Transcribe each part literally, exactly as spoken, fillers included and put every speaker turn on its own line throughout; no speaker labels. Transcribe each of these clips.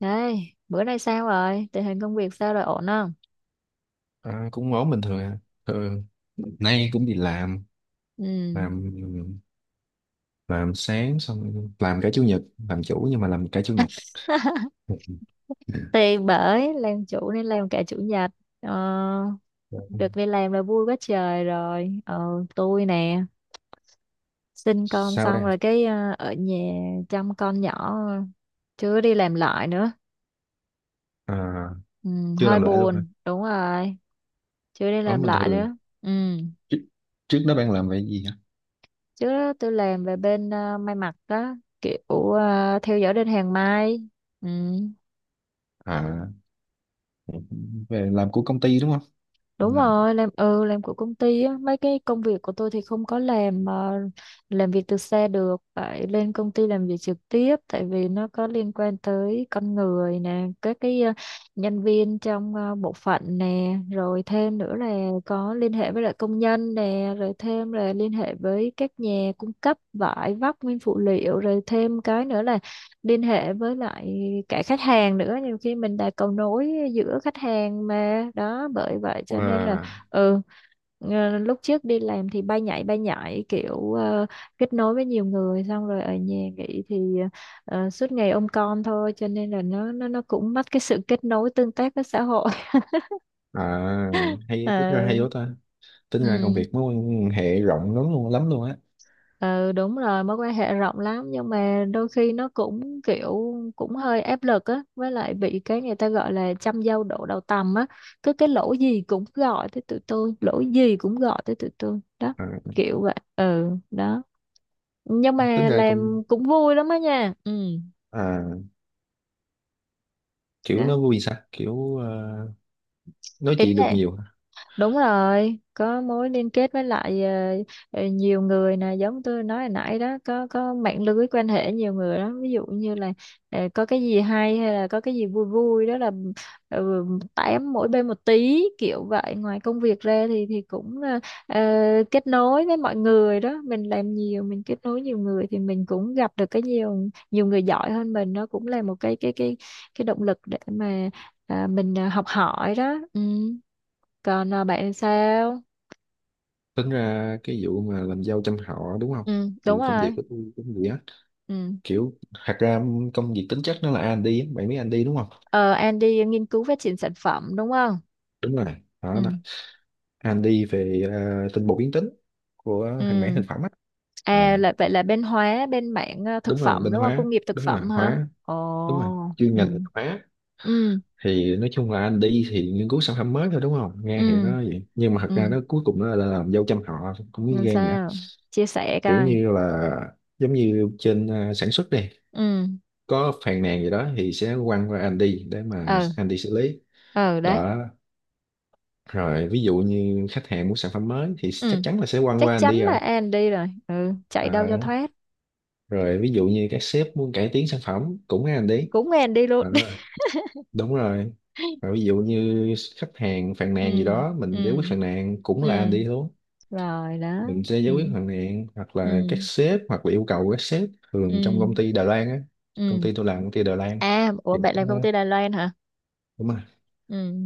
Đây, bữa nay sao rồi? Tình hình công việc sao rồi ổn không?
À, cũng ổn bình thường à. Thường nay cũng đi làm,
Ừ.
làm làm sáng, xong làm cả chủ nhật, làm chủ nhưng mà làm cả chủ nhật.
Thì bởi làm chủ nên làm cả chủ nhật. Ờ, được đi làm là vui quá trời rồi. Ờ, tôi nè, sinh con
Sao
xong
đây?
rồi cái ờ, ở nhà chăm con nhỏ chưa đi làm lại nữa.
à,
Ừ,
chưa
hơi
làm lại luôn hả?
buồn, đúng rồi, chưa đi
Ổn
làm
bình
lại
thường.
nữa. Ừ.
Trước, trước đó bạn làm về gì hả?
Trước đó tôi làm về bên ờ, may mặc đó, kiểu ờ, theo dõi đơn hàng may. Ừ.
À, về làm của công ty đúng không?
Đúng
Làm.
rồi, làm ừ làm của công ty á, mấy cái công việc của tôi thì không có làm ờ, làm việc từ xa được, phải lên công ty làm việc trực tiếp tại vì nó có liên quan tới con người nè, các cái ờ, nhân viên trong ờ, bộ phận nè, rồi thêm nữa là có liên hệ với lại công nhân nè, rồi thêm là liên hệ với các nhà cung cấp vải vóc nguyên phụ liệu, rồi thêm cái nữa là liên hệ với lại cả khách hàng nữa, nhiều khi mình là cầu nối giữa khách hàng mà đó, bởi vậy cho nên là
Wow.
ừ, ờ, lúc trước đi làm thì bay nhảy bay nhảy kiểu ờ, kết nối với nhiều người, xong rồi ở nhà nghỉ thì ờ, suốt ngày ôm con thôi, cho nên là nó nó nó cũng mất cái sự kết nối tương tác với xã hội.
à Hay, tính ra
Ờ,
hay quá ta. Tính ra công
ừ.
việc mối quan hệ rộng lắm luôn, lắm luôn á.
Ừ đúng rồi, mối quan hệ rộng lắm nhưng mà đôi khi nó cũng kiểu cũng hơi áp lực á, với lại bị cái người ta gọi là trăm dâu đổ đầu tằm á, cứ cái lỗi gì cũng gọi tới tụi tôi, lỗi gì cũng gọi tới tụi tôi đó,
À,
kiểu vậy ừ đó, nhưng
tính
mà
ra công
làm cũng vui lắm á nha. Ừ
à, Kiểu
đó,
nó vui sao, kiểu ờ, nói
ý
chuyện được
là
nhiều.
đúng rồi, có mối liên kết với lại ờ, ờ, nhiều người nè, giống tôi nói hồi nãy đó, có có mạng lưới quan hệ nhiều người đó, ví dụ như là ờ, có cái gì hay hay là có cái gì vui vui đó là ừ, tám mỗi bên một tí kiểu vậy. Ngoài công việc ra thì thì cũng ờ, ờ, kết nối với mọi người đó, mình làm nhiều, mình kết nối nhiều người thì mình cũng gặp được cái nhiều, nhiều người giỏi hơn mình, nó cũng là một cái cái cái cái động lực để mà à, mình ờ, học hỏi đó. Ừ. Còn à, bạn sao?
Tính ra cái vụ mà làm dâu trăm họ đúng không,
Ừ, đúng
thì công việc
rồi.
của tôi cũng vậy á.
Ừ.
Kiểu thật ra công việc tính chất nó là a rờ and đê á. Bạn biết rờ and đê đúng không?
Ờ, An đi nghiên cứu phát triển sản phẩm đúng không?
Đúng rồi. Đó, đó.
Ừ.
a rờ and đê về à, tinh bột biến tính
Ừ.
của hàng mảng thực phẩm á. à,
À là vậy là bên hóa, bên mảng à, thực
Đúng rồi,
phẩm
bên
đúng không?
hóa,
Công nghiệp thực
đúng rồi,
phẩm hả?
hóa,
Ồ.
đúng rồi chuyên
Ừ.
ngành hóa.
Ừ.
Thì nói chung là anh đi thì nghiên cứu sản phẩm mới thôi đúng không, nghe thì
Ừ.
nó vậy nhưng mà thật
Ừ.
ra nó cuối cùng nó là làm dâu trăm họ, cũng như
Nên
ghen vậy.
sao? Chia sẻ
Kiểu
coi.
như là giống như trên à, sản xuất đi,
Ừ.
có phàn nàn gì đó thì sẽ quăng qua Andy để mà
Ừ.
Andy xử lý
Ừ đấy.
đó. Rồi ví dụ như khách hàng muốn sản phẩm mới thì chắc
Ừ.
chắn là sẽ quăng
Chắc
qua
chắn
Andy
là
rồi.
An đi rồi. Ừ.
Ờ,
Chạy đâu cho thoát.
rồi ví dụ như các sếp muốn cải tiến sản phẩm cũng nghe Andy.
Cũng An đi luôn.
Ờ, đúng rồi, rồi ví dụ như khách hàng phàn nàn gì
Ừ.
đó mình giải quyết
Ừ.
phàn nàn cũng là
Ừ.
Andy luôn.
Rồi đó.
Mình sẽ giải quyết
Ừ.
phàn nàn hoặc là
Ừ.
các sếp hoặc là yêu cầu các sếp thường
Ừ.
trong công ty Đài Loan á. Công
Ừ.
ty tôi làm công ty Đài Lan
À, ủa
thì
bạn
ờ,
làm công ty Đài Loan hả?
đúng rồi,
Ừ,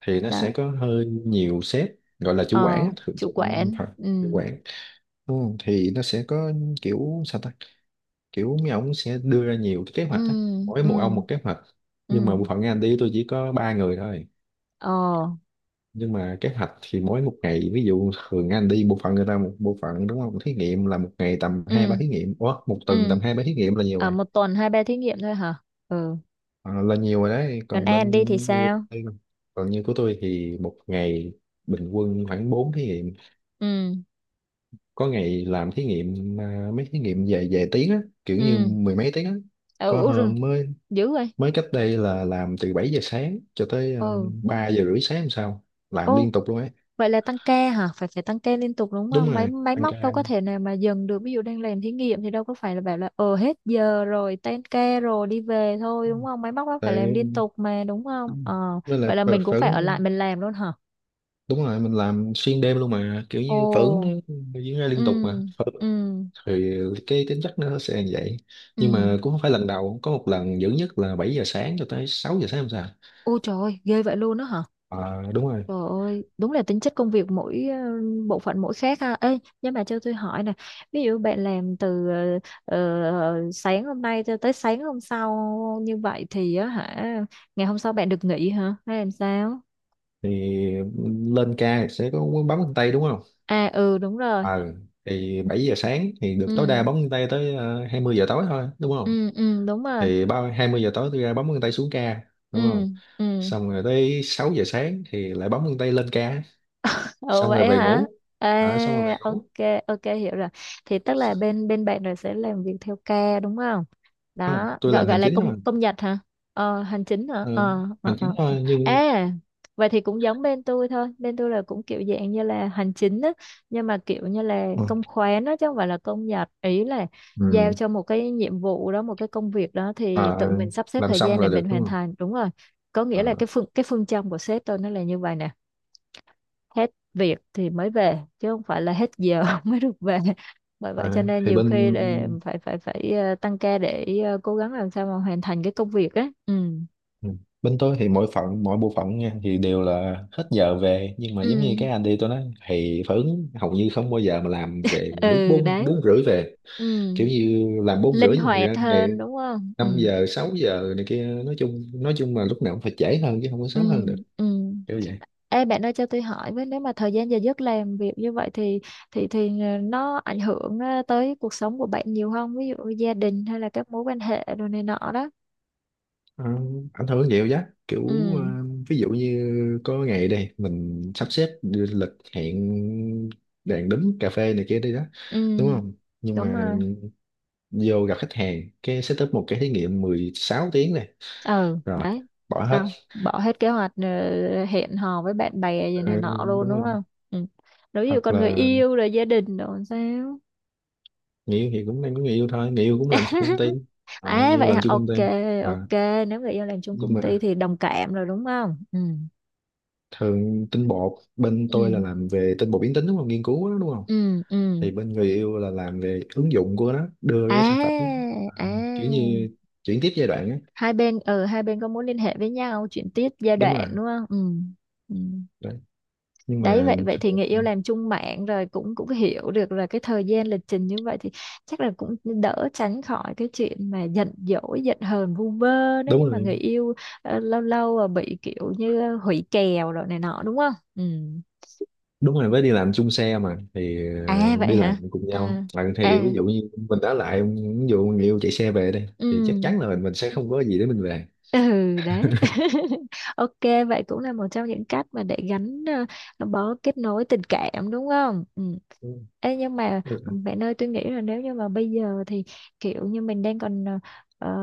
thì nó sẽ
đó.
có hơi nhiều sếp, gọi là chủ quản
Ờ,
á, thường
chủ
trong
quản.
phần chủ
Ừ,
quản, ừ, thì nó sẽ có, kiểu sao ta, kiểu mấy ông sẽ đưa ra nhiều cái kế
ừ,
hoạch á, mỗi một ông
ừ,
một kế hoạch. Nhưng mà
ừ.
bộ phận anh đi tôi chỉ có ba người thôi,
Ờ,
nhưng mà kế hoạch thì mỗi một ngày, ví dụ thường anh đi bộ phận người ta một bộ phận đúng không, thí nghiệm là một ngày tầm hai
ừ,
ba thí nghiệm. Ủa, một tuần
ừ.
tầm hai ba thí nghiệm là nhiều
Ở
rồi.
một tuần hai ba thí nghiệm thôi hả? Ừ.
Ờ, là nhiều rồi đấy,
Còn
còn
An
bên,
đi thì sao?
còn như của tôi thì một ngày bình quân khoảng bốn thí nghiệm.
Ừ,
Có ngày làm thí nghiệm à, mấy thí nghiệm về về tiếng á, kiểu như
ừ.
mười mấy tiếng á. Có
Ừ,
hôm mới,
dữ rồi.
mới cách đây là làm từ bảy giờ sáng cho tới uh, ba giờ rưỡi sáng làm sao,
Ừ.
làm liên tục luôn ấy.
Vậy là tăng ca hả? Phải phải tăng ca liên tục đúng
Đúng
không? Máy
rồi,
máy
tăng ca
móc đâu có thể nào mà dừng được. Ví dụ đang làm thí nghiệm thì đâu có phải là bảo là ờ hết giờ rồi, tan ca rồi đi về thôi đúng không? Máy móc nó phải làm liên
tại
tục mà đúng không? Ờ,
với lại
vậy là
phở,
mình cũng
phở
phải ở lại mình làm luôn hả?
đúng rồi mình làm xuyên đêm luôn mà, kiểu
Ồ,
như phở nó diễn ra
ừ,
liên tục mà, phở,
ừ,
thì cái tính chất nó sẽ như vậy. Nhưng
ừ.
mà cũng không phải lần đầu, có một lần dữ nhất là bảy giờ sáng cho tới sáu giờ sáng, làm sao.
Ôi trời ơi, ghê vậy luôn đó hả?
à, Đúng rồi
Trời ơi, đúng là tính chất công việc mỗi ờ, bộ phận mỗi khác ha. Ê, nhưng mà cho tôi hỏi nè, ví dụ bạn làm từ ờ, ờ, sáng hôm nay cho tới sáng hôm sau như vậy thì á hả, ngày hôm sau bạn được nghỉ hả? Hay làm sao?
thì lên ca thì sẽ có quán bấm chân tay đúng không.
À ừ đúng rồi.
ờ thì bảy giờ sáng thì được tối đa
Ừ,
bấm chân tay tới ờ, hai mươi giờ tối thôi đúng không.
ừ, ừ đúng rồi.
Thì ba hai mươi giờ tối tôi ra bấm chân tay xuống ca đúng
Ừ,
không,
ừ.
xong rồi tới sáu giờ sáng thì lại bấm chân tay lên ca,
Ồ
xong rồi
vậy
về
hả?
ngủ. Ờ, xong rồi về
À ok,
ngủ.
ok hiểu rồi. Thì tức là bên bên bạn rồi sẽ làm việc theo ca đúng không?
Không,
Đó
tôi
gọi
làm
gọi
hành
là
chính
công
thôi.
công nhật hả? Ờ, hành chính hả?
Ờ,
ờ, ờ,
hành chính
ờ. ờ.
thôi nhưng
À vậy thì cũng giống bên tôi thôi, bên tôi là cũng kiểu dạng như là hành chính á, nhưng mà kiểu như là
ừ.
công khoán đó chứ không phải là công nhật. Ý là giao
Ừ.
cho một cái nhiệm vụ đó, một cái công việc đó thì tự
Ờ,
mình sắp xếp
làm
thời
xong
gian để
là được
mình
đúng
hoàn
không.
thành, đúng rồi. Có nghĩa là
Ờ,
cái phương, cái phương châm của sếp tôi nó là như vậy nè, hết việc thì mới về chứ không phải là hết giờ mới được về, bởi vậy cho
à,
nên
thì
nhiều khi
bên,
để phải phải phải ờ, tăng ca để ờ, cố gắng làm sao mà hoàn thành cái công việc ấy. Ừ,
ừ, bên tôi thì mỗi phận mỗi bộ phận nha thì đều là hết giờ về, nhưng mà giống như
ừ,
cái anh đi tôi nói thì phản ứng hầu như không bao giờ mà làm về mà đúng
ừ
bốn
đấy.
bốn rưỡi về.
Ừ
Kiểu như làm bốn rưỡi
linh
nhưng thật
hoạt
ra ngày
hơn đúng không. Ừ,
năm giờ sáu giờ này kia, nói chung, nói chung là lúc nào cũng phải trễ hơn chứ không có
ừ,
sớm hơn được,
ừ.
kiểu vậy.
Ê bạn ơi cho tôi hỏi với, nếu mà thời gian giờ giấc làm việc như vậy thì thì thì ờ, nó ảnh hưởng ờ, tới cuộc sống của bạn nhiều không, ví dụ gia đình hay là các mối quan hệ đồ này nọ đó.
Ờ, ảnh hưởng nhiều giá, kiểu ờ,
Ừ,
ví dụ như có ngày đây mình sắp xếp lịch hẹn đèn đúng cà phê này kia đi đó
ừ
đúng không, nhưng
đúng
mà
rồi.
vô gặp khách hàng cái setup một cái thí nghiệm mười sáu tiếng này,
Ừ
rồi
đấy,
bỏ hết.
xong bỏ hết kế hoạch ờ, hẹn hò với bạn bè gì
Ừ,
này nọ luôn
đúng
đúng
không.
không. Ừ. Nếu như
Hoặc
còn người
là
yêu rồi gia đình rồi làm sao?
người yêu thì cũng đang có người yêu thôi, người yêu cũng làm cho công ty. À,
À
người yêu
vậy
làm
hả,
cho công
ok
ty. À,
ok. Nếu người yêu làm chung
nhưng
công ty
mà
thì đồng cảm rồi đúng không? Ừ,
thường tinh bột bên
ừ,
tôi là làm về tinh bột biến tính đúng không, nghiên cứu đó đúng không,
ừ, ừ.
thì bên người yêu là làm về ứng dụng của nó, đưa cái sản phẩm,
À,
à, kiểu
à,
như chuyển tiếp giai đoạn á.
hai bên, ừ hai bên có muốn liên hệ với nhau, chuyển tiếp giai
Đúng rồi
đoạn đúng không? Ừ, ừ
đấy, nhưng
đấy.
mà
Vậy vậy thì người
thường-
yêu làm chung mạng rồi cũng cũng hiểu được là cái thời gian lịch trình như vậy thì chắc là cũng đỡ tránh khỏi cái chuyện mà giận dỗi giận hờn vu vơ, nếu
đúng
như mà
rồi,
người yêu ờ, lâu lâu ờ, bị kiểu như hủy kèo rồi này nọ đúng không. Ừ
đúng rồi, với đi làm chung xe mà thì
à
ờ,
vậy
đi làm
hả,
cùng nhau,
à
à, thì
à
ví dụ như mình đã lại ví dụ người yêu chạy xe về đây
ừ.
thì chắc chắn là mình mình sẽ không có gì để mình về.
Ừ đấy. Ok, vậy cũng là một trong những cách mà để gắn ờ, bó, kết nối tình cảm đúng không? Ừ. Ê, nhưng mà
Đúng,
bạn ơi tôi nghĩ là nếu như mà bây giờ thì kiểu như mình đang còn ờ, ờ,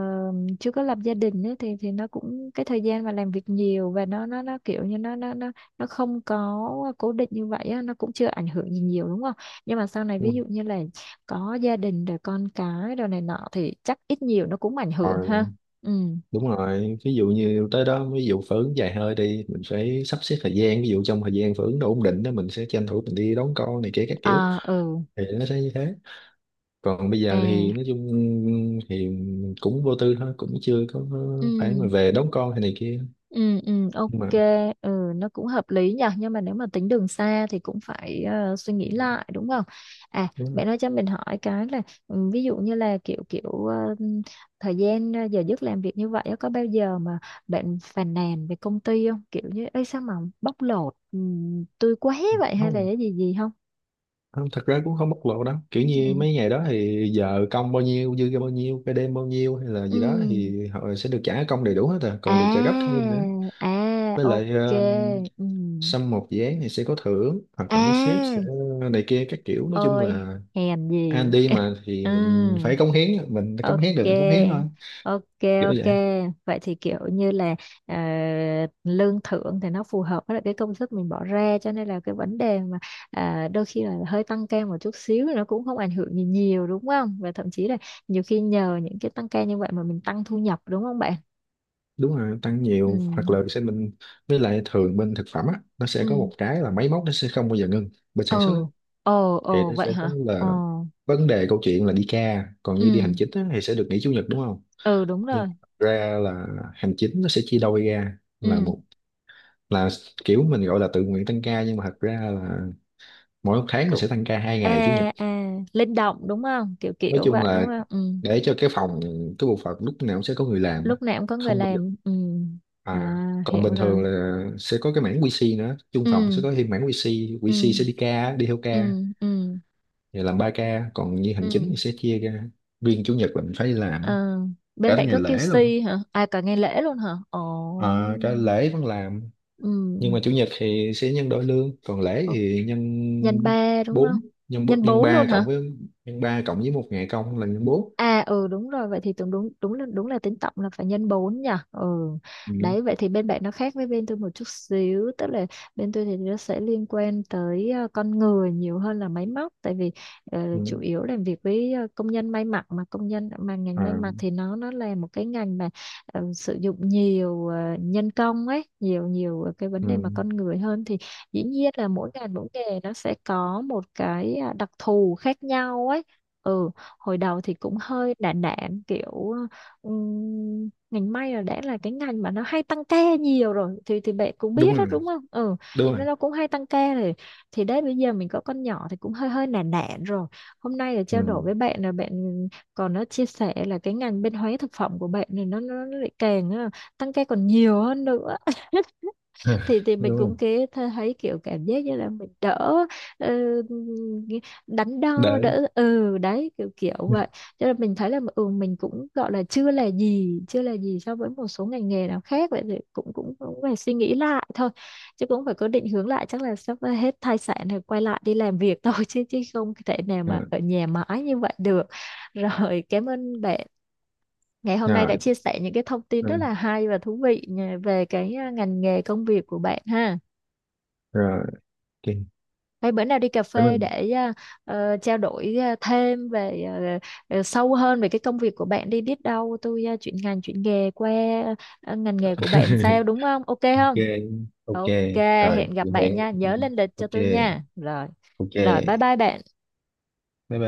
chưa có lập gia đình ấy, thì thì nó cũng cái thời gian mà làm việc nhiều và nó nó nó kiểu như nó nó nó nó không có cố định như vậy á, nó cũng chưa ảnh hưởng gì nhiều đúng không? Nhưng mà sau này
đúng
ví
rồi.
dụ như là có gia đình rồi con cái rồi này nọ thì chắc ít nhiều nó cũng ảnh hưởng ha.
Còn
Ừ.
đúng rồi, ví dụ như tới đó ví dụ phở ứng dài hơi đi mình phải sắp xếp thời gian, ví dụ trong thời gian phở ứng đủ ổn định đó mình sẽ tranh thủ mình đi đón con này kia các kiểu,
À ừ,
thì nó sẽ như thế. Còn bây
à
giờ thì nói chung thì cũng vô tư thôi, cũng chưa có
ừ,
phải mà về đón con hay này kia,
ừ, ừ,
nhưng mà
ok, ừ nó cũng hợp lý nhỉ, nhưng mà nếu mà tính đường xa thì cũng phải ờ, suy nghĩ lại đúng không? À
đúng
mẹ nói cho mình hỏi cái là ừ, ví dụ như là kiểu kiểu ờ, thời gian ờ, giờ giấc làm việc như vậy á, có bao giờ mà bạn phàn nàn về công ty không? Kiểu như ấy sao mà bóc lột ừ, tôi quá vậy, hay là
rồi.
cái gì gì không?
Không, thật ra cũng không bộc lộ lắm, kiểu như
Ừ,
mấy ngày đó thì giờ công bao nhiêu, dư ra bao nhiêu, cái đêm bao nhiêu hay là
ừ,
gì đó thì họ sẽ được trả công đầy đủ hết, à còn được trả gấp
à
thêm nữa.
à
Với lại
ok,
ờ,
ừ.
xong một dự án thì sẽ có thưởng hoặc là mấy sếp
À
sẽ này kia các kiểu. Nói chung
ôi,
là
hèn
anh
gì.
đi mà thì
Ừ,
mình phải cống hiến, mình cống
ok
hiến được mình cống hiến thôi,
ok
kiểu
ok.
vậy.
Vậy thì kiểu như là ờ, lương thưởng thì nó phù hợp với lại cái công sức mình bỏ ra cho nên là cái vấn đề mà à, đôi khi là hơi tăng ca một chút xíu nó cũng không ảnh hưởng gì nhiều đúng không, và thậm chí là nhiều khi nhờ những cái tăng ca như vậy mà mình tăng thu nhập đúng không bạn.
Đúng rồi tăng
Ừ,
nhiều, hoặc là sẽ mình, với lại thường bên thực phẩm á nó sẽ có
ừ,
một cái là máy móc nó sẽ không bao giờ ngừng. Bên sản xuất
ừ, ồ
thì
ồ
nó sẽ
vậy
có
hả,
là
ồ.
vấn đề câu chuyện là đi ca, còn như đi hành
Ừ,
chính á thì sẽ được nghỉ chủ nhật đúng không.
ừ đúng
Nhưng
rồi.
thật ra là hành chính nó sẽ chia đôi ra, là
Ừ
một là kiểu mình gọi là tự nguyện tăng ca, nhưng mà thật ra là mỗi một tháng mình
cũng
sẽ tăng ca hai ngày chủ nhật.
à à linh động đúng không, kiểu
Nói
kiểu
chung
vậy đúng
là
không. Ừ.
để cho cái phòng, cái bộ phận lúc nào cũng sẽ có người làm á,
Lúc nào cũng có người
không bao giờ
làm, ừ.
à.
À
Còn
hiểu
bình thường
rồi.
là sẽ có cái mảng kiu xi nữa, chung phòng sẽ
Ừ,
có thêm mảng kiu xi,
ừ,
quy xê sẽ đi ca, đi theo ca
ừ, ừ,
thì làm ba ca, còn như hành
ừ.
chính thì sẽ chia ra, riêng chủ nhật là mình phải đi làm á.
Ờ, bên
Cả thứ
bạn
ngày
có
lễ luôn.
quy xê hả, à cả ngày lễ luôn hả, ồ.
Ờ, cả lễ vẫn làm,
Ừ.
nhưng mà chủ nhật thì sẽ nhân đôi lương, còn lễ thì nhân
Nhân ba đúng không?
bốn, nhân bốn-
Nhân
nhân
bốn luôn
ba cộng
hả?
với, nhân ba cộng với một ngày công là nhân bốn.
À ừ đúng rồi, vậy thì tưởng đúng, đúng là đúng là tính tổng là phải nhân bốn nhỉ. Ừ.
Ừ.
Đấy vậy thì bên bạn nó khác với bên tôi một chút xíu, tức là bên tôi thì nó sẽ liên quan tới ờ, con người nhiều hơn là máy móc, tại vì ờ,
Ừ.
chủ yếu làm việc với ờ, công nhân may mặc, mà công nhân mà ngành may
À,
mặc thì nó nó là một cái ngành mà ờ, sử dụng nhiều ờ, nhân công ấy, nhiều, nhiều ờ, cái vấn đề mà
ừ.
con người hơn, thì dĩ nhiên là mỗi ngành mỗi nghề nó sẽ có một cái ờ, đặc thù khác nhau ấy. Ừ, hồi đầu thì cũng hơi đạn đạn kiểu ừm, ngành may là đã là cái ngành mà nó hay tăng ca nhiều rồi, thì thì bạn cũng biết
Đúng
đó
rồi,
đúng không. Ừ,
đúng rồi.
nên nó cũng hay tăng ca rồi, thì đấy bây giờ mình có con nhỏ thì cũng hơi hơi nản nản rồi. Hôm nay là trao
Ừ.
đổi với bạn, là bạn còn nó chia sẻ là cái ngành bên hóa thực phẩm của bạn này nó nó nó lại càng ờ, tăng ca còn nhiều hơn nữa, thì thì
Đúng
mình
rồi.
cũng kế th- thấy kiểu cảm giác như là mình đỡ ờ, đắn đo
Để
đỡ, ừ đấy kiểu kiểu vậy, cho nên mình thấy là ừ mình cũng gọi là chưa là gì, chưa là gì so với một số ngành nghề nào khác, vậy thì cũng cũng cũng phải suy nghĩ lại thôi, chứ cũng phải có định hướng lại, chắc là sắp ờ, hết thai sản thì quay lại đi làm việc thôi, chứ chứ không thể nào mà
à,
ở nhà mãi như vậy được. Rồi cảm ơn bạn ngày hôm nay đã
rồi,
chia sẻ những cái thông tin rất
rồi,
là hay và thú vị ờ, về cái à, ngành nghề công việc của bạn ha.
rồi. Ok,
Vậy bữa nào đi cà
cảm
phê
ơn.
để à, ờ, trao đổi à, thêm về à, ờ, sâu hơn về cái công việc của bạn đi, biết đâu tôi à, chuyển ngành chuyển nghề qua à, ngành nghề của bạn sao đúng không? Ok
Ok.
không?
Ok.
Ok, hẹn
Rồi,
gặp bạn
hẹn,
nha,
ừ,
nhớ lên lịch cho
ok.
tôi nha. Rồi,
Ok,
rồi bye bye bạn.
bye bye.